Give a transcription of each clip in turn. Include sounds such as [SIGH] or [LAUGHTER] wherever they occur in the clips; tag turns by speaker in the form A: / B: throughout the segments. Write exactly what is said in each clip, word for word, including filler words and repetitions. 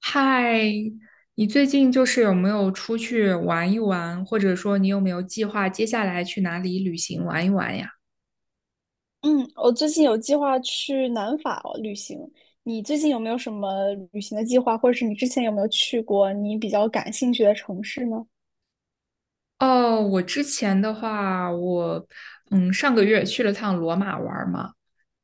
A: 嗨，你最近就是有没有出去玩一玩，或者说你有没有计划接下来去哪里旅行玩一玩呀？
B: 嗯，我最近有计划去南法哦旅行。你最近有没有什么旅行的计划，或者是你之前有没有去过你比较感兴趣的城市呢？
A: 哦，我之前的话，我嗯上个月去了趟罗马玩儿嘛，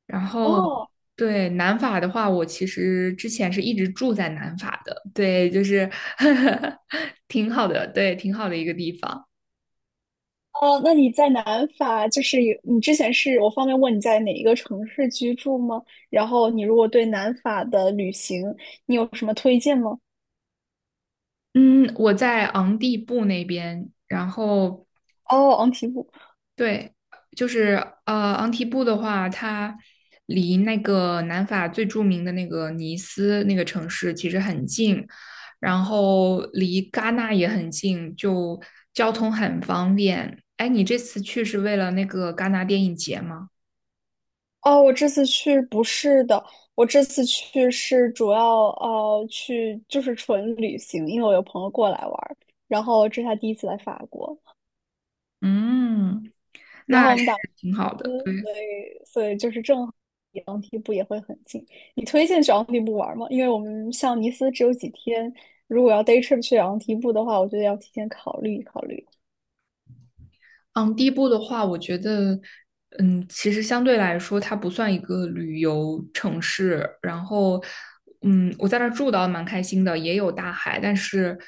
A: 然后
B: 哦，
A: 对南法的话，我其实之前是一直住在南法的，对，就是 [LAUGHS] 挺好的，对，挺好的一个地方。
B: 哦，那你在南法，就是有你之前是我方便问你在哪一个城市居住吗？然后你如果对南法的旅行，你有什么推荐吗？
A: 嗯，我在昂蒂布那边，然后
B: 哦，昂提布。
A: 对，就是呃，昂提布的话，它离那个南法最著名的那个尼斯那个城市其实很近，然后离戛纳也很近，就交通很方便。哎，你这次去是为了那个戛纳电影节吗？
B: 哦，我这次去不是的，我这次去是主要呃去就是纯旅行，因为我有朋友过来玩儿，然后这是他第一次来法国，
A: 嗯，
B: 然后
A: 那
B: 我
A: 是
B: 们打嗯
A: 挺好的。
B: 所以所以就是正好离昂蒂布也会很近。你推荐去昂蒂布玩儿吗？因为我们像尼斯只有几天，如果要 day trip 去昂蒂布的话，我觉得要提前考虑考虑。
A: 嗯，第一步的话，我觉得，嗯，其实相对来说，它不算一个旅游城市。然后，嗯，我在那儿住的蛮开心的，也有大海，但是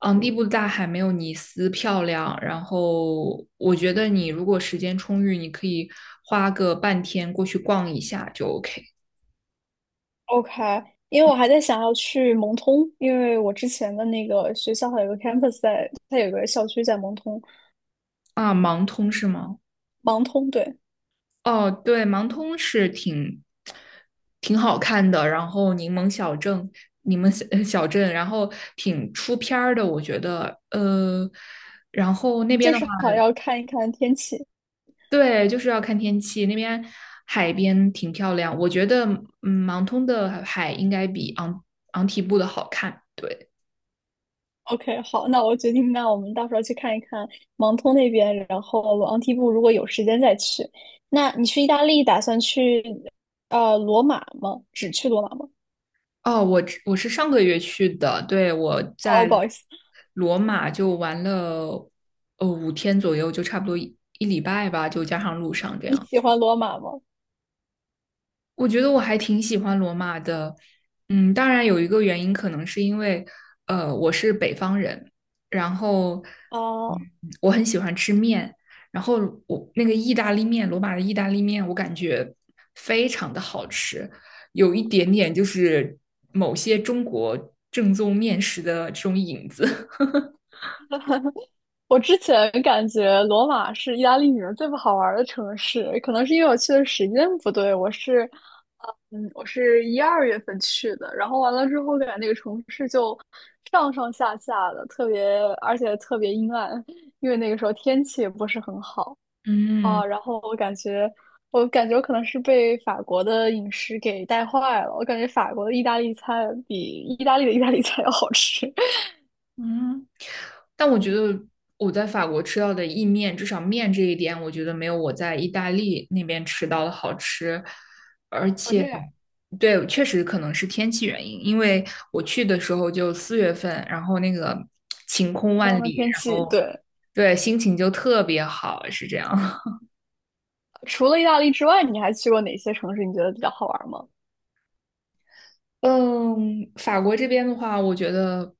A: 昂蒂布的大海没有尼斯漂亮。然后，我觉得你如果时间充裕，你可以花个半天过去逛一下就 OK。
B: OK,因为我还在想要去蒙通，因为我之前的那个学校还有个 campus 在，它有个校区在蒙通，
A: 啊，盲通是吗？
B: 盲通，对，
A: 哦，对，盲通是挺挺好看的，然后柠檬小镇，柠檬小呃小镇，然后挺出片儿的，我觉得，呃，然后那
B: 就
A: 边的话，
B: 是好要看一看天气。
A: 对，就是要看天气，那边海边挺漂亮，我觉得，嗯，盲通的海应该比昂昂提布的好看，对。
B: OK，好，那我决定，那我们到时候去看一看盲通那边，然后昂蒂布如果有时间再去。那你去意大利打算去呃罗马吗？只去罗马吗？
A: 哦，我只我是上个月去的，对，我在
B: 哦，不好意思，
A: 罗马就玩了呃五天左右，就差不多一一礼拜吧，就加上路上这
B: 你
A: 样。
B: 喜欢罗马吗？
A: 我觉得我还挺喜欢罗马的，嗯，当然有一个原因可能是因为，呃，我是北方人，然后，嗯，
B: 啊、
A: 我很喜欢吃面，然后我那个意大利面，罗马的意大利面，我感觉非常的好吃，有一点点就是某些中国正宗面食的这种影子。
B: 我之前感觉罗马是意大利里面最不好玩儿的城市，可能是因为我去的时间不对。我是，嗯，我是一二月份去的，然后完了之后，感觉那个城市就上上下下的，特别，而且特别阴暗，因为那个时候天气也不是很好
A: [LAUGHS] 嗯。
B: 啊。然后我感觉，我感觉我可能是被法国的饮食给带坏了。我感觉法国的意大利菜比意大利的意大利菜要好吃。
A: 嗯，但我觉得我在法国吃到的意面，至少面这一点，我觉得没有我在意大利那边吃到的好吃。而
B: [LAUGHS] 我
A: 且，
B: 这样，
A: 对，确实可能是天气原因，因为我去的时候就四月份，然后那个晴空
B: 然后
A: 万
B: 呢，
A: 里，
B: 天
A: 然
B: 气
A: 后
B: 对。
A: 对，心情就特别好，是这样。[LAUGHS]
B: 除了意大利之外，你还去过哪些城市？你觉得比较好玩吗？
A: 嗯，法国这边的话，我觉得，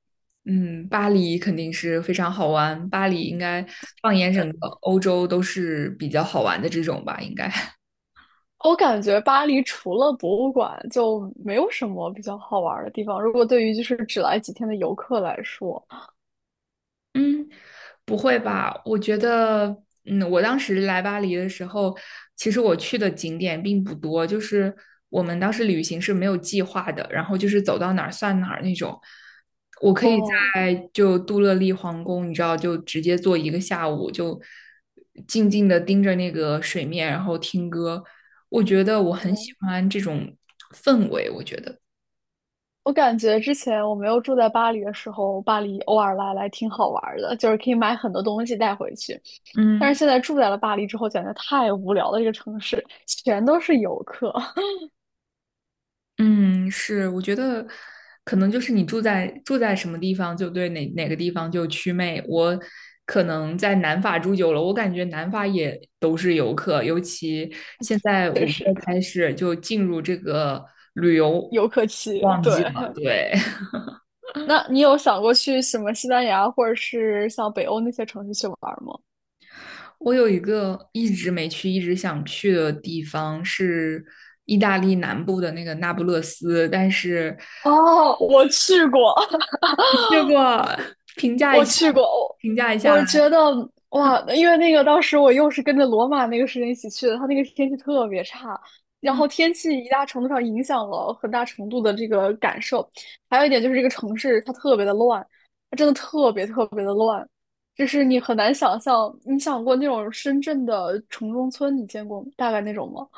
A: 嗯，巴黎肯定是非常好玩，巴黎应该放眼整个欧洲都是比较好玩的这种吧，应该。
B: 我感觉巴黎除了博物馆，就没有什么比较好玩的地方。如果对于就是只来几天的游客来说，
A: 嗯，不会吧？我觉得，嗯，我当时来巴黎的时候，其实我去的景点并不多，就是我们当时旅行是没有计划的，然后就是走到哪儿算哪儿那种。我可以
B: 哦，
A: 在就杜乐丽皇宫，你知道，就直接坐一个下午，就静静的盯着那个水面，然后听歌。我觉得我很喜
B: 嗯
A: 欢这种氛围，我觉得，
B: 我感觉之前我没有住在巴黎的时候，巴黎偶尔来来挺好玩的，就是可以买很多东西带回去。但是
A: 嗯。
B: 现在住在了巴黎之后，简直太无聊了。这个城市全都是游客，
A: 嗯，是，我觉得可能就是你住在住在什么地方，就对哪哪个地方就祛魅。我可能在南法住久了，我感觉南法也都是游客，尤其现在
B: [LAUGHS] 确
A: 五月
B: 实
A: 开始就进入这个旅游
B: 游客气，
A: 旺
B: 对。
A: 季了。对。[LAUGHS]
B: 那你有想过去什么西班牙或者是像北欧那些城市去玩儿吗？
A: 我有一个一直没去、一直想去的地方是意大利南部的那个那不勒斯，但是
B: 哦，我去过，
A: [LAUGHS] 去
B: [LAUGHS]
A: 过，评价一
B: 我
A: 下，
B: 去过，
A: 评价一
B: 我
A: 下来。
B: 我觉得哇，因为那个当时我又是跟着罗马那个时间一起去的，它那个天气特别差，然
A: 嗯。
B: 后天气一大程度上影响了很大程度的这个感受，还有一点就是这个城市它特别的乱，它真的特别特别的乱，就是你很难想象，你想过那种深圳的城中村，你见过吗大概那种吗？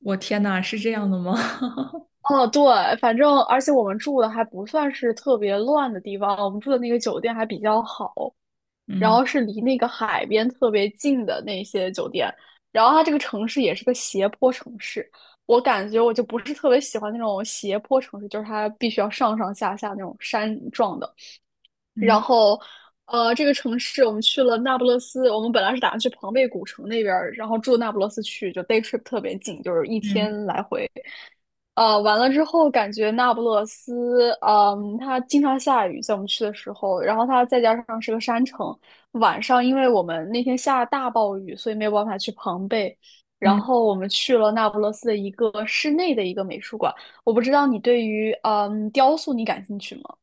A: 我天呐，是这样的吗？[LAUGHS]
B: 哦，对，反正而且我们住的还不算是特别乱的地方，我们住的那个酒店还比较好，然
A: 嗯。
B: 后是离那个海边特别近的那些酒店，然后它这个城市也是个斜坡城市，我感觉我就不是特别喜欢那种斜坡城市，就是它必须要上上下下那种山状的。然
A: 嗯，
B: 后，呃，这个城市我们去了那不勒斯，我们本来是打算去庞贝古城那边儿，然后住那不勒斯去，就 day trip 特别近，就是一
A: 嗯
B: 天来回。呃，完了之后感觉那不勒斯，嗯，它经常下雨，在我们去的时候，然后它再加上是个山城，晚上因为我们那天下大暴雨，所以没有办法去庞贝，然
A: 嗯
B: 后我们去了那不勒斯的一个室内的一个美术馆。我不知道你对于嗯雕塑你感兴趣吗？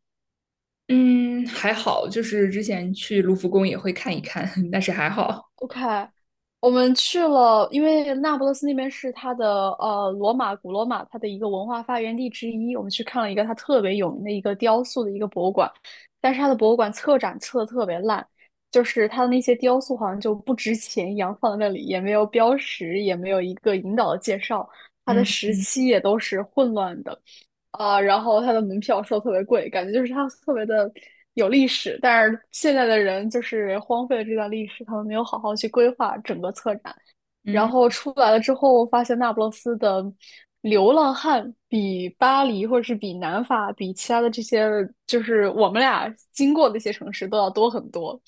A: 嗯，还好，就是之前去卢浮宫也会看一看，[LAUGHS] 但是还好。
B: OK，我们去了，因为那不勒斯那边是它的呃罗马古罗马它的一个文化发源地之一，我们去看了一个它特别有名的一个雕塑的一个博物馆，但是它的博物馆策展策的特别烂，就是它的那些雕塑好像就不值钱一样放在那里，也没有标识，也没有一个引导的介绍，它的
A: 嗯
B: 时
A: 嗯
B: 期也都是混乱的。啊，然后它的门票收特别贵，感觉就是它特别的有历史，但是现在的人就是荒废了这段历史，他们没有好好去规划整个策展，然
A: 嗯
B: 后出来了之后，发现那不勒斯的流浪汉比巴黎或者是比南法、比其他的这些，就是我们俩经过的一些城市都要多很多。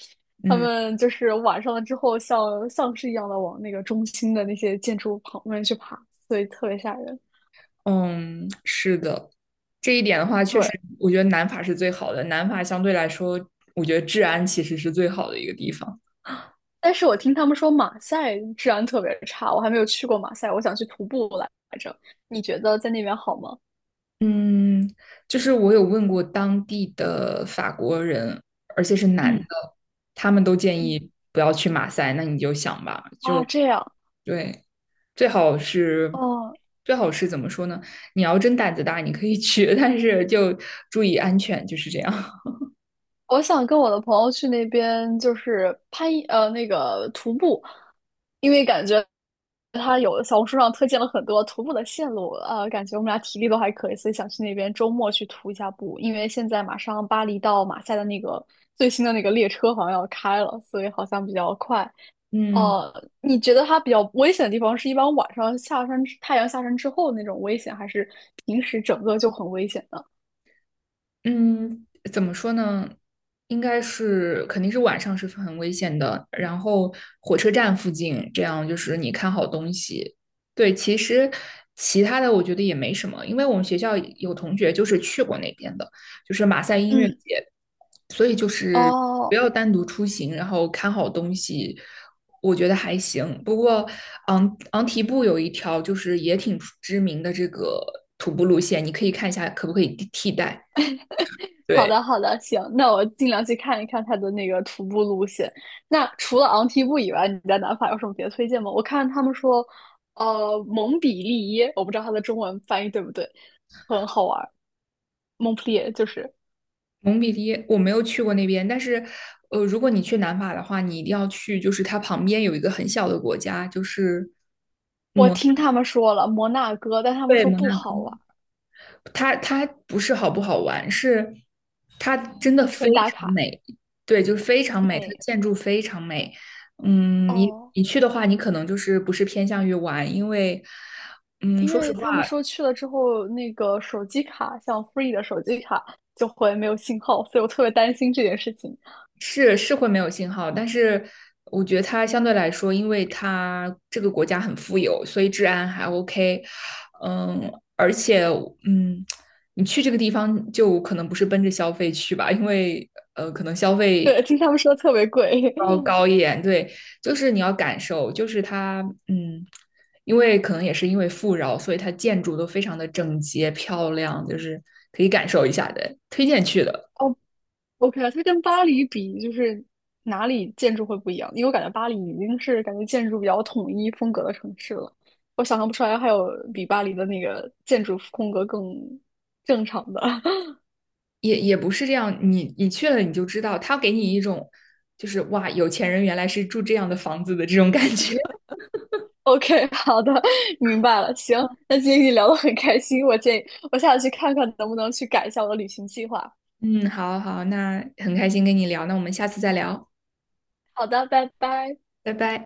B: 他
A: 嗯。
B: 们就是晚上了之后像，像丧尸一样的往那个中心的那些建筑旁边去爬，所以特别吓人。
A: 嗯，是的，这一点的话，确
B: 对，
A: 实，我觉得南法是最好的。南法相对来说，我觉得治安其实是最好的一个地方。
B: 但是我听他们说马赛治安特别差，我还没有去过马赛，我想去徒步来着。你觉得在那边好吗？
A: 嗯，就是我有问过当地的法国人，而且是男
B: 嗯
A: 的，他们都建
B: 嗯，
A: 议不要去马赛。那你就想吧，
B: 啊，这样
A: 对。最好是
B: 哦，
A: 最好是怎么说呢？你要真胆子大，你可以 [LAUGHS] 去，但是就注意安全，就是这样。
B: 我想跟我的朋友去那边，就是攀呃那个徒步，因为感觉他有小红书上推荐了很多徒步的线路，呃，感觉我们俩体力都还可以，所以想去那边周末去徒一下步。因为现在马上巴黎到马赛的那个最新的那个列车好像要开了，所以好像比较快。
A: [LAUGHS] 嗯。
B: 哦，你觉得它比较危险的地方是一般晚上下山之太阳下山之后那种危险，还是平时整个就很危险呢？
A: 嗯，怎么说呢？应该是肯定是晚上是很危险的。然后火车站附近，这样就是你看好东西。对，其实其他的我觉得也没什么，因为我们学校有同学就是去过那边的，就是马赛音乐
B: 嗯，
A: 节，所以就是不
B: 哦，
A: 要单独出行，然后看好东西，我觉得还行。不过昂昂提布有一条就是也挺知名的这个徒步路线，你可以看一下可不可以替代。
B: 好
A: 对，
B: 的好的，行，那我尽量去看一看它的那个徒步路线。那除了昂提布以外，你在南法有什么别的推荐吗？我看他们说，呃，蒙彼利耶，我不知道它的中文翻译对不对，很好玩蒙普利耶就是
A: 蒙彼利我没有去过那边，但是，呃，如果你去南法的话，你一定要去，就是它旁边有一个很小的国家，就是
B: 我
A: 摩，
B: 听他们说了摩纳哥，但他们
A: 对，
B: 说
A: 摩
B: 不
A: 纳哥，
B: 好玩
A: 它它不是好不好玩，是它真的非
B: 纯打
A: 常
B: 卡。
A: 美，对，就是非常美，它的
B: 美
A: 建筑非常美。嗯，你
B: 哦。
A: 你去的话，你可能就是不是偏向于玩，因为，嗯，
B: 因
A: 说实
B: 为
A: 话。
B: 他们说去了之后，那个手机卡，像 Free 的手机卡就会没有信号，所以我特别担心这件事情。
A: 是是会没有信号，但是我觉得它相对来说，因为它这个国家很富有，所以治安还 OK。嗯，而且嗯，你去这个地方就可能不是奔着消费去吧，因为呃，可能消费
B: 对，听他们说特别贵。
A: 高高一点。对，就是你要感受，就是它嗯，因为可能也是因为富饶，所以它建筑都非常的整洁漂亮，就是可以感受一下的，推荐去的。
B: [LAUGHS] 哦，OK，啊，它跟巴黎比，就是哪里建筑会不一样？因为我感觉巴黎已经是感觉建筑比较统一风格的城市了，我想象不出来还有比巴黎的那个建筑风格更正常的。[LAUGHS]
A: 也也不是这样，你你去了你就知道，他给你一种就是哇，有钱人原来是住这样的房子的这种感觉。[LAUGHS]
B: OK，好的，明白了。行，那今天跟你聊得很开心，我建议我下次去看看能不能去改一下我的旅行计划。
A: 嗯，好好，那很开心跟你聊，那我们下次再聊，
B: 好的，拜拜。
A: 拜拜。